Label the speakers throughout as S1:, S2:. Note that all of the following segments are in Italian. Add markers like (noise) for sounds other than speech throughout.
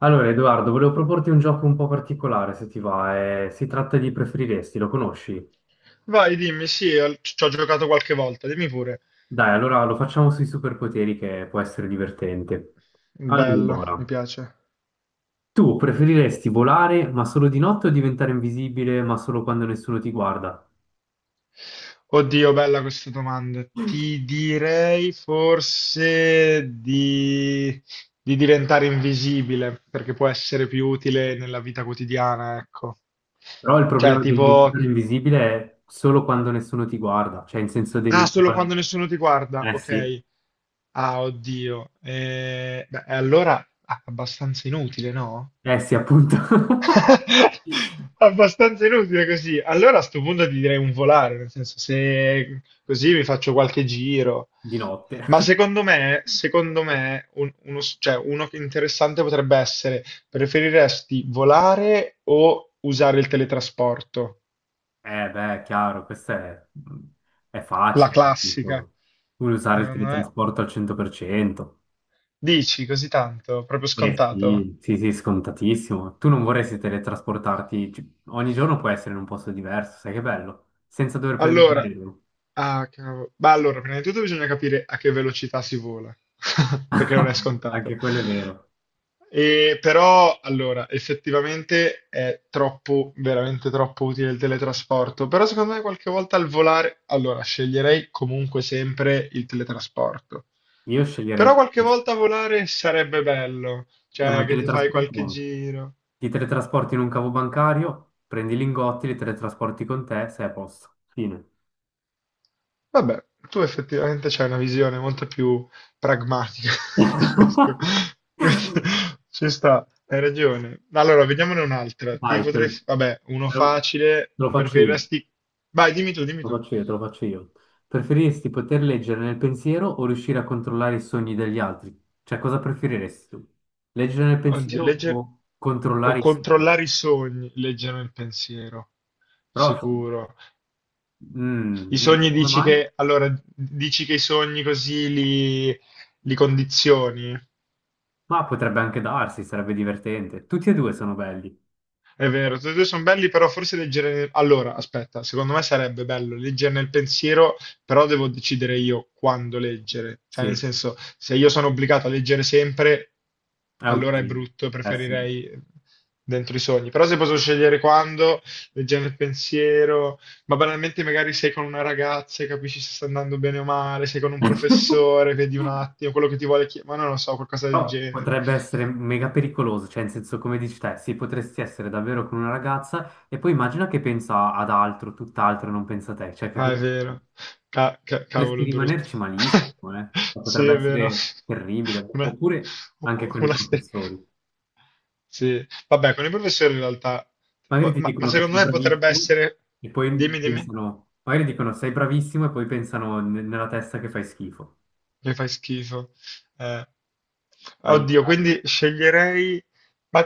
S1: Allora, Edoardo, volevo proporti un gioco un po' particolare, se ti va. Si tratta di preferiresti, lo conosci?
S2: Vai, dimmi, sì, al- ci ho giocato qualche volta, dimmi pure.
S1: Dai, allora lo facciamo sui superpoteri che può essere divertente.
S2: Bello, mi
S1: Allora,
S2: piace.
S1: tu preferiresti volare ma solo di notte o diventare invisibile ma solo quando nessuno ti guarda?
S2: Oddio, bella questa domanda. Ti direi forse di diventare invisibile, perché può essere più utile nella vita quotidiana, ecco.
S1: Però il
S2: Cioè,
S1: problema del
S2: tipo...
S1: diventare invisibile è solo quando nessuno ti guarda, cioè in senso
S2: Ah,
S1: devi...
S2: solo quando nessuno ti guarda,
S1: Eh sì,
S2: ok. Ah, oddio. Beh, allora ah, abbastanza inutile, no?
S1: eh sì, appunto, (laughs)
S2: (laughs) Abbastanza inutile così. Allora a sto punto ti direi un volare, nel senso se così mi faccio qualche giro.
S1: di
S2: Ma
S1: notte.
S2: secondo me, un- uno, s- cioè, uno che interessante potrebbe essere, preferiresti volare o usare il teletrasporto?
S1: Eh beh, è chiaro, questo è
S2: La
S1: facile,
S2: classica,
S1: tipo, vuoi usare il
S2: secondo me.
S1: teletrasporto al 100%?
S2: Dici così tanto, proprio
S1: Eh
S2: scontato?
S1: sì, sì, sì, scontatissimo. Tu non vorresti teletrasportarti, ogni giorno puoi essere in un posto diverso, sai che bello, senza dover prendere
S2: Allora,
S1: l'aereo.
S2: ah, cavolo. Beh, allora, prima di tutto bisogna capire a che velocità si vola, (laughs) perché non è
S1: (laughs)
S2: scontato.
S1: Anche quello è vero.
S2: E, però, allora, effettivamente è troppo, veramente troppo utile il teletrasporto, però secondo me qualche volta al volare, allora, sceglierei comunque sempre il teletrasporto.
S1: Io sceglierei il
S2: Però qualche
S1: teletrasporto.
S2: volta volare sarebbe bello,
S1: Ma
S2: cioè
S1: il
S2: che ti fai qualche
S1: teletrasporto,
S2: giro.
S1: ti teletrasporti in un cavo bancario, prendi i lingotti, li teletrasporti con te, sei a posto. Fine.
S2: Vabbè, tu effettivamente c'hai una visione molto più pragmatica (laughs) di questo.
S1: (laughs)
S2: Questo ci sta, hai ragione. Allora, vediamone un'altra. Ti
S1: Vai, te lo,
S2: potrei... f- Vabbè, uno
S1: te lo-
S2: facile.
S1: te lo faccio io, te
S2: Preferiresti... Vai, dimmi tu, dimmi
S1: lo
S2: tu.
S1: faccio io, te lo faccio io. Preferiresti poter leggere nel pensiero o riuscire a controllare i sogni degli altri? Cioè, cosa preferiresti tu? Leggere nel
S2: Oddio,
S1: pensiero
S2: leggere...
S1: o
S2: O
S1: controllare i sogni?
S2: controllare i sogni, leggere il pensiero.
S1: Però,
S2: Sicuro. I
S1: dici,
S2: sogni
S1: come
S2: dici
S1: mai?
S2: che... Allora, dici che i sogni così li condizioni?
S1: Ma potrebbe anche darsi, sarebbe divertente. Tutti e due sono belli.
S2: È vero, tutti e due sono belli, però forse leggere... Allora, aspetta, secondo me sarebbe bello leggere nel pensiero, però devo decidere io quando leggere. Cioè, nel
S1: Sì,
S2: senso, se io sono obbligato a leggere sempre,
S1: è un
S2: allora è
S1: casino.
S2: brutto,
S1: Eh sì.
S2: preferirei dentro i sogni. Però se posso scegliere quando, leggere nel pensiero, ma banalmente magari sei con una ragazza e capisci se sta andando bene o male, sei con un
S1: (laughs)
S2: professore, vedi un attimo quello che ti vuole chiedere, ma non lo so, qualcosa del
S1: Però
S2: genere.
S1: potrebbe essere mega pericoloso, cioè in senso come dici te, sì, potresti essere davvero con una ragazza e poi immagina che pensa ad altro, tutt'altro, e non pensa a te, cioè che
S2: Ah, è
S1: cosa fai?
S2: vero.
S1: Potresti
S2: Cavolo brutto.
S1: rimanerci
S2: (laughs)
S1: malissimo, eh? Cioè,
S2: Sì,
S1: potrebbe
S2: è vero.
S1: essere terribile,
S2: (laughs) Una,
S1: oppure anche con i
S2: una ste-
S1: professori.
S2: Sì. Vabbè, con i professori in realtà...
S1: Magari
S2: o-
S1: ti
S2: Ma
S1: dicono che
S2: secondo
S1: sei
S2: me potrebbe
S1: bravissimo
S2: essere...
S1: e poi
S2: Dimmi, dimmi,
S1: pensano, magari dicono sei bravissimo e poi pensano nella testa che fai schifo.
S2: che fai schifo. Eh, Oddio,
S1: Aiuto.
S2: quindi sceglierei... Ma,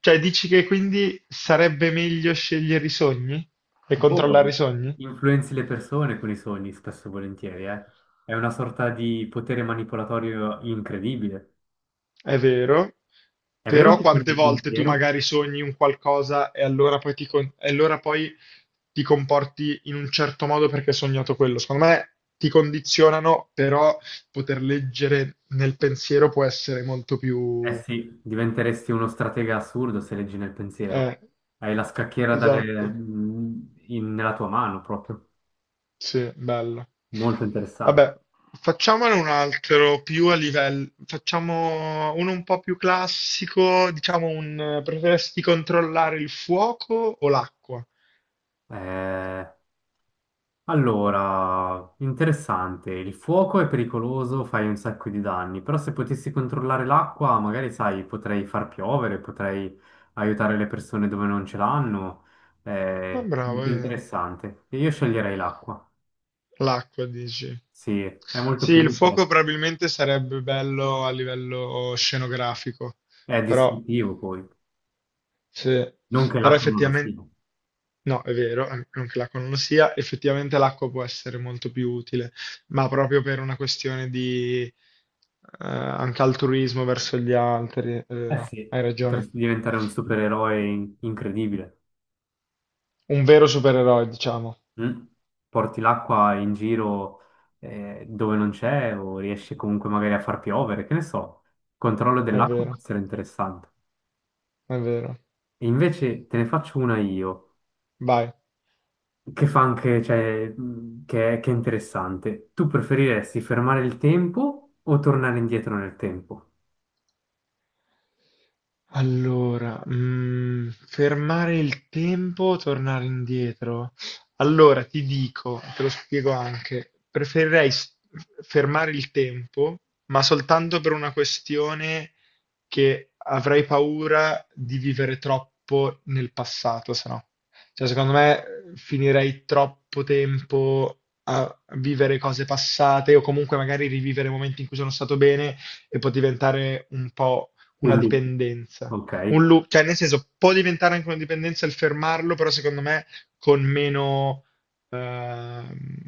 S2: cioè, dici che quindi sarebbe meglio scegliere i sogni? E controllare i
S1: Boh,
S2: sogni?
S1: influenzi le persone con i sogni, spesso e volentieri, eh. È una sorta di potere manipolatorio incredibile.
S2: È vero,
S1: È vero
S2: però
S1: che con
S2: quante
S1: il
S2: volte tu
S1: pensiero,
S2: magari sogni un qualcosa e allora poi ti, con- e allora poi ti comporti in un certo modo perché hai sognato quello. Secondo me ti condizionano, però poter leggere nel pensiero può essere molto
S1: eh
S2: più...
S1: sì, diventeresti uno stratega assurdo se leggi nel pensiero.
S2: eh,
S1: Hai la scacchiera dalle-
S2: esatto.
S1: in- Nella tua mano proprio.
S2: Sì, bello.
S1: Molto interessante.
S2: Vabbè, facciamone un altro più a livello, facciamo uno un po' più classico, diciamo un preferesti controllare il fuoco o l'acqua?
S1: Eh, Allora, interessante, il fuoco è pericoloso, fai un sacco di danni, però se potessi controllare l'acqua, magari sai, potrei far piovere, potrei aiutare le persone dove non ce l'hanno,
S2: Ah,
S1: è
S2: bravo, è
S1: molto
S2: vero.
S1: interessante. E io sceglierei l'acqua,
S2: L'acqua, dici.
S1: sì, è molto
S2: Sì,
S1: più
S2: il
S1: utile,
S2: fuoco probabilmente sarebbe bello a livello scenografico,
S1: è
S2: però
S1: distruttivo poi,
S2: sì,
S1: non che
S2: però
S1: l'acqua non lo
S2: effettivamente,
S1: sia.
S2: no, è vero, an- non che l'acqua non lo sia, effettivamente l'acqua può essere molto più utile, ma proprio per una questione di anche altruismo verso gli altri, è
S1: Eh
S2: vero,
S1: sì.
S2: hai ragione.
S1: Potresti diventare un supereroe incredibile.
S2: Un vero supereroe, diciamo,
S1: Mm. Porti l'acqua in giro dove non c'è o riesci comunque magari a far piovere, che ne so. Il controllo
S2: è
S1: dell'acqua può
S2: vero,
S1: essere interessante.
S2: è vero.
S1: E invece te ne faccio una io,
S2: Vai.
S1: che fa anche, cioè, che è interessante. Tu preferiresti fermare il tempo o tornare indietro nel tempo?
S2: Allora, mm, fermare il tempo, tornare indietro. Allora, ti dico, te lo spiego anche, preferirei s- fermare il tempo, ma soltanto per una questione che avrei paura di vivere troppo nel passato, se no. Cioè, secondo me finirei troppo tempo a vivere cose passate o comunque magari rivivere momenti in cui sono stato bene e può diventare un po' una
S1: Un loop.
S2: dipendenza.
S1: Ok,
S2: Un loop, cioè nel senso può diventare anche una dipendenza il fermarlo, però secondo me con meno, ehm,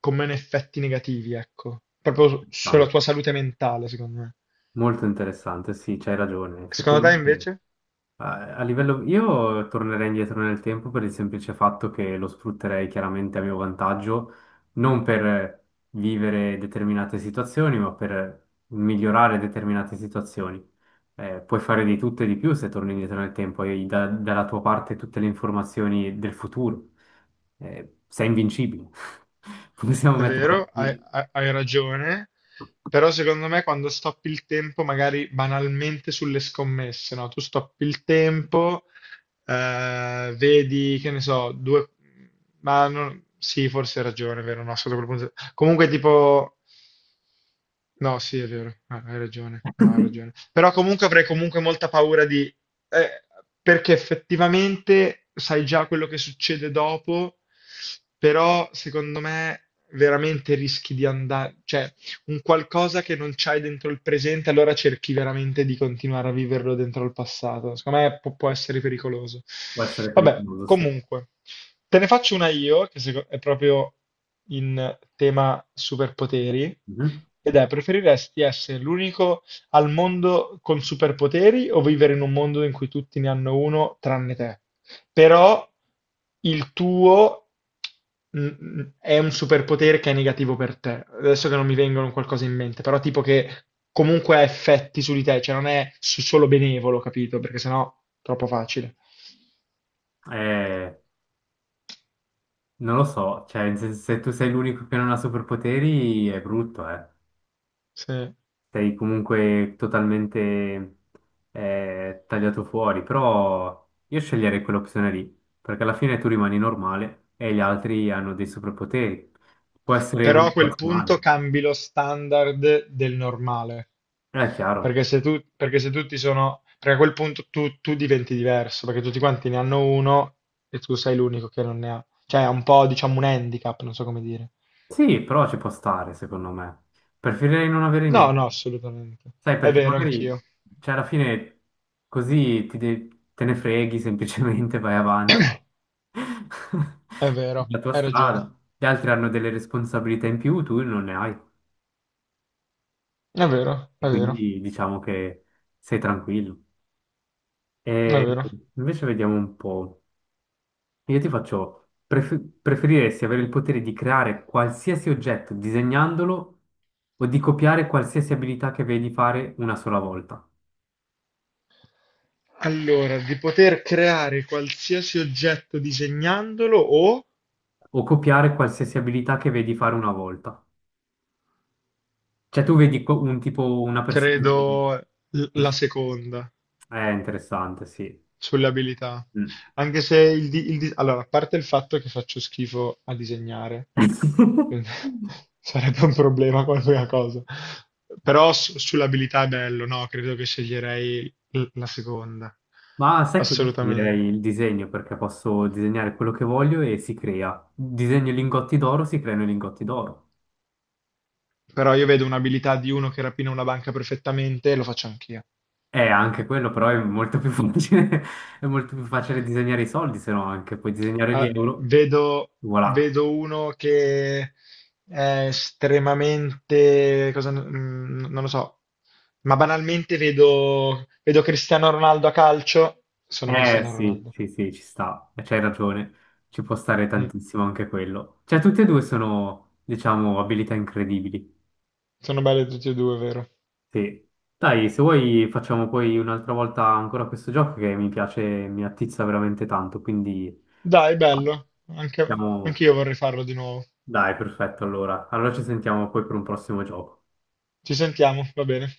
S2: con meno effetti negativi, ecco. Proprio su- sulla
S1: interessante.
S2: tua salute mentale, secondo me.
S1: Molto interessante, sì, c'hai ragione.
S2: Secondo te
S1: Effettivamente.
S2: invece?
S1: A livello, io tornerei indietro nel tempo per il semplice fatto che lo sfrutterei chiaramente a mio vantaggio, non per vivere determinate situazioni, ma per migliorare determinate situazioni. Puoi fare di tutto e di più se torni indietro nel tempo, hai dalla tua parte tutte le informazioni del futuro. Sei invincibile. (laughs) Possiamo
S2: È
S1: metterla
S2: vero, hai,
S1: così,
S2: hai- hai ragione, però secondo me quando stoppi il tempo, magari banalmente sulle scommesse, no? Tu stoppi il tempo, vedi, che ne so, due... Ma non- sì, forse hai ragione, è vero, no, sotto quel punto... Comunque tipo... No, sì, è vero, ah, hai ragione, no, hai ragione. Però comunque avrei comunque molta paura di... eh, perché effettivamente sai già quello che succede dopo, però secondo me veramente rischi di andare... Cioè, un qualcosa che non c'hai dentro il presente, allora cerchi veramente di continuare a viverlo dentro il passato. Secondo me può essere pericoloso.
S1: può essere
S2: Vabbè,
S1: pericoloso, sì.
S2: comunque, te ne faccio una io, che seco- è proprio in tema superpoteri,
S1: Mhm.
S2: ed è, preferiresti essere l'unico al mondo con superpoteri o vivere in un mondo in cui tutti ne hanno uno tranne te? Però il tuo mm, è un superpotere che è negativo per te. Adesso che non mi vengono qualcosa in mente, però tipo che comunque ha effetti su di te, cioè non è su- solo benevolo, capito? Perché sennò è troppo facile.
S1: Eh, non lo so, cioè se tu sei l'unico che non ha superpoteri è brutto, eh.
S2: Sì.
S1: Sei comunque totalmente tagliato fuori, però io sceglierei quell'opzione lì, perché alla fine tu rimani normale e gli altri hanno dei superpoteri. Può essere
S2: Però a quel punto
S1: motivazionale,
S2: cambi lo standard del normale.
S1: è chiaro.
S2: Perché se, tu, perché se tutti sono... Perché a quel punto tu diventi diverso, perché tutti quanti ne hanno uno e tu sei l'unico che non ne ha. Cioè è un po', diciamo, un handicap, non so come dire.
S1: Sì, però ci può stare, secondo me. Preferirei non avere
S2: No, no,
S1: niente.
S2: assolutamente.
S1: Sai,
S2: È
S1: perché
S2: vero, anch'io.
S1: magari, cioè, alla fine così te ne freghi, (laughs) semplicemente vai avanti. (laughs)
S2: È vero,
S1: La tua
S2: hai ragione.
S1: strada. Gli altri hanno delle responsabilità in più, tu non ne hai.
S2: È vero,
S1: E
S2: è vero,
S1: quindi diciamo che sei tranquillo.
S2: è
S1: E
S2: vero.
S1: invece vediamo un po'. Io ti faccio, preferiresti avere il potere di creare qualsiasi oggetto disegnandolo o di copiare qualsiasi abilità che vedi fare una sola volta?
S2: Allora, di poter creare qualsiasi oggetto disegnandolo o
S1: O copiare qualsiasi abilità che vedi fare una volta? Cioè tu vedi un tipo, una persona che...
S2: credo l- la seconda.
S1: È interessante, sì.
S2: Sulle abilità.
S1: Mm.
S2: Anche se il, di- il di- allora, a parte il fatto che faccio schifo a disegnare, quindi
S1: (laughs)
S2: (laughs) sarebbe un problema qualunque cosa. Però su- sull'abilità è bello, no? Credo che sceglierei l- la seconda.
S1: Ma sai che io sceglierei
S2: Assolutamente.
S1: il disegno perché posso disegnare quello che voglio e si crea. Disegno i lingotti d'oro, si creano i lingotti d'oro.
S2: Però io vedo un'abilità di uno che rapina una banca perfettamente e lo faccio anch'io.
S1: Anche quello però è molto più facile, (laughs) è molto più facile disegnare i soldi, se no anche puoi disegnare gli
S2: Ah,
S1: euro.
S2: vedo,
S1: Voilà.
S2: vedo uno che è estremamente, cosa, mm, non lo so, ma banalmente vedo Cristiano Ronaldo a calcio. Sono
S1: Eh
S2: Cristiano
S1: sì,
S2: Ronaldo.
S1: sì, sì, ci sta, eh, c'hai ragione, ci può stare
S2: Mm.
S1: tantissimo anche quello. Cioè, tutte e due sono, diciamo, abilità incredibili.
S2: Sono belli tutti e due, vero?
S1: Sì. Dai, se vuoi facciamo poi un'altra volta ancora questo gioco che mi piace, mi attizza veramente tanto, quindi
S2: Dai, bello. Anche,
S1: siamo...
S2: anche io vorrei farlo di nuovo.
S1: Dai, perfetto, allora. Allora ci sentiamo poi per un prossimo gioco.
S2: Ci sentiamo, va bene.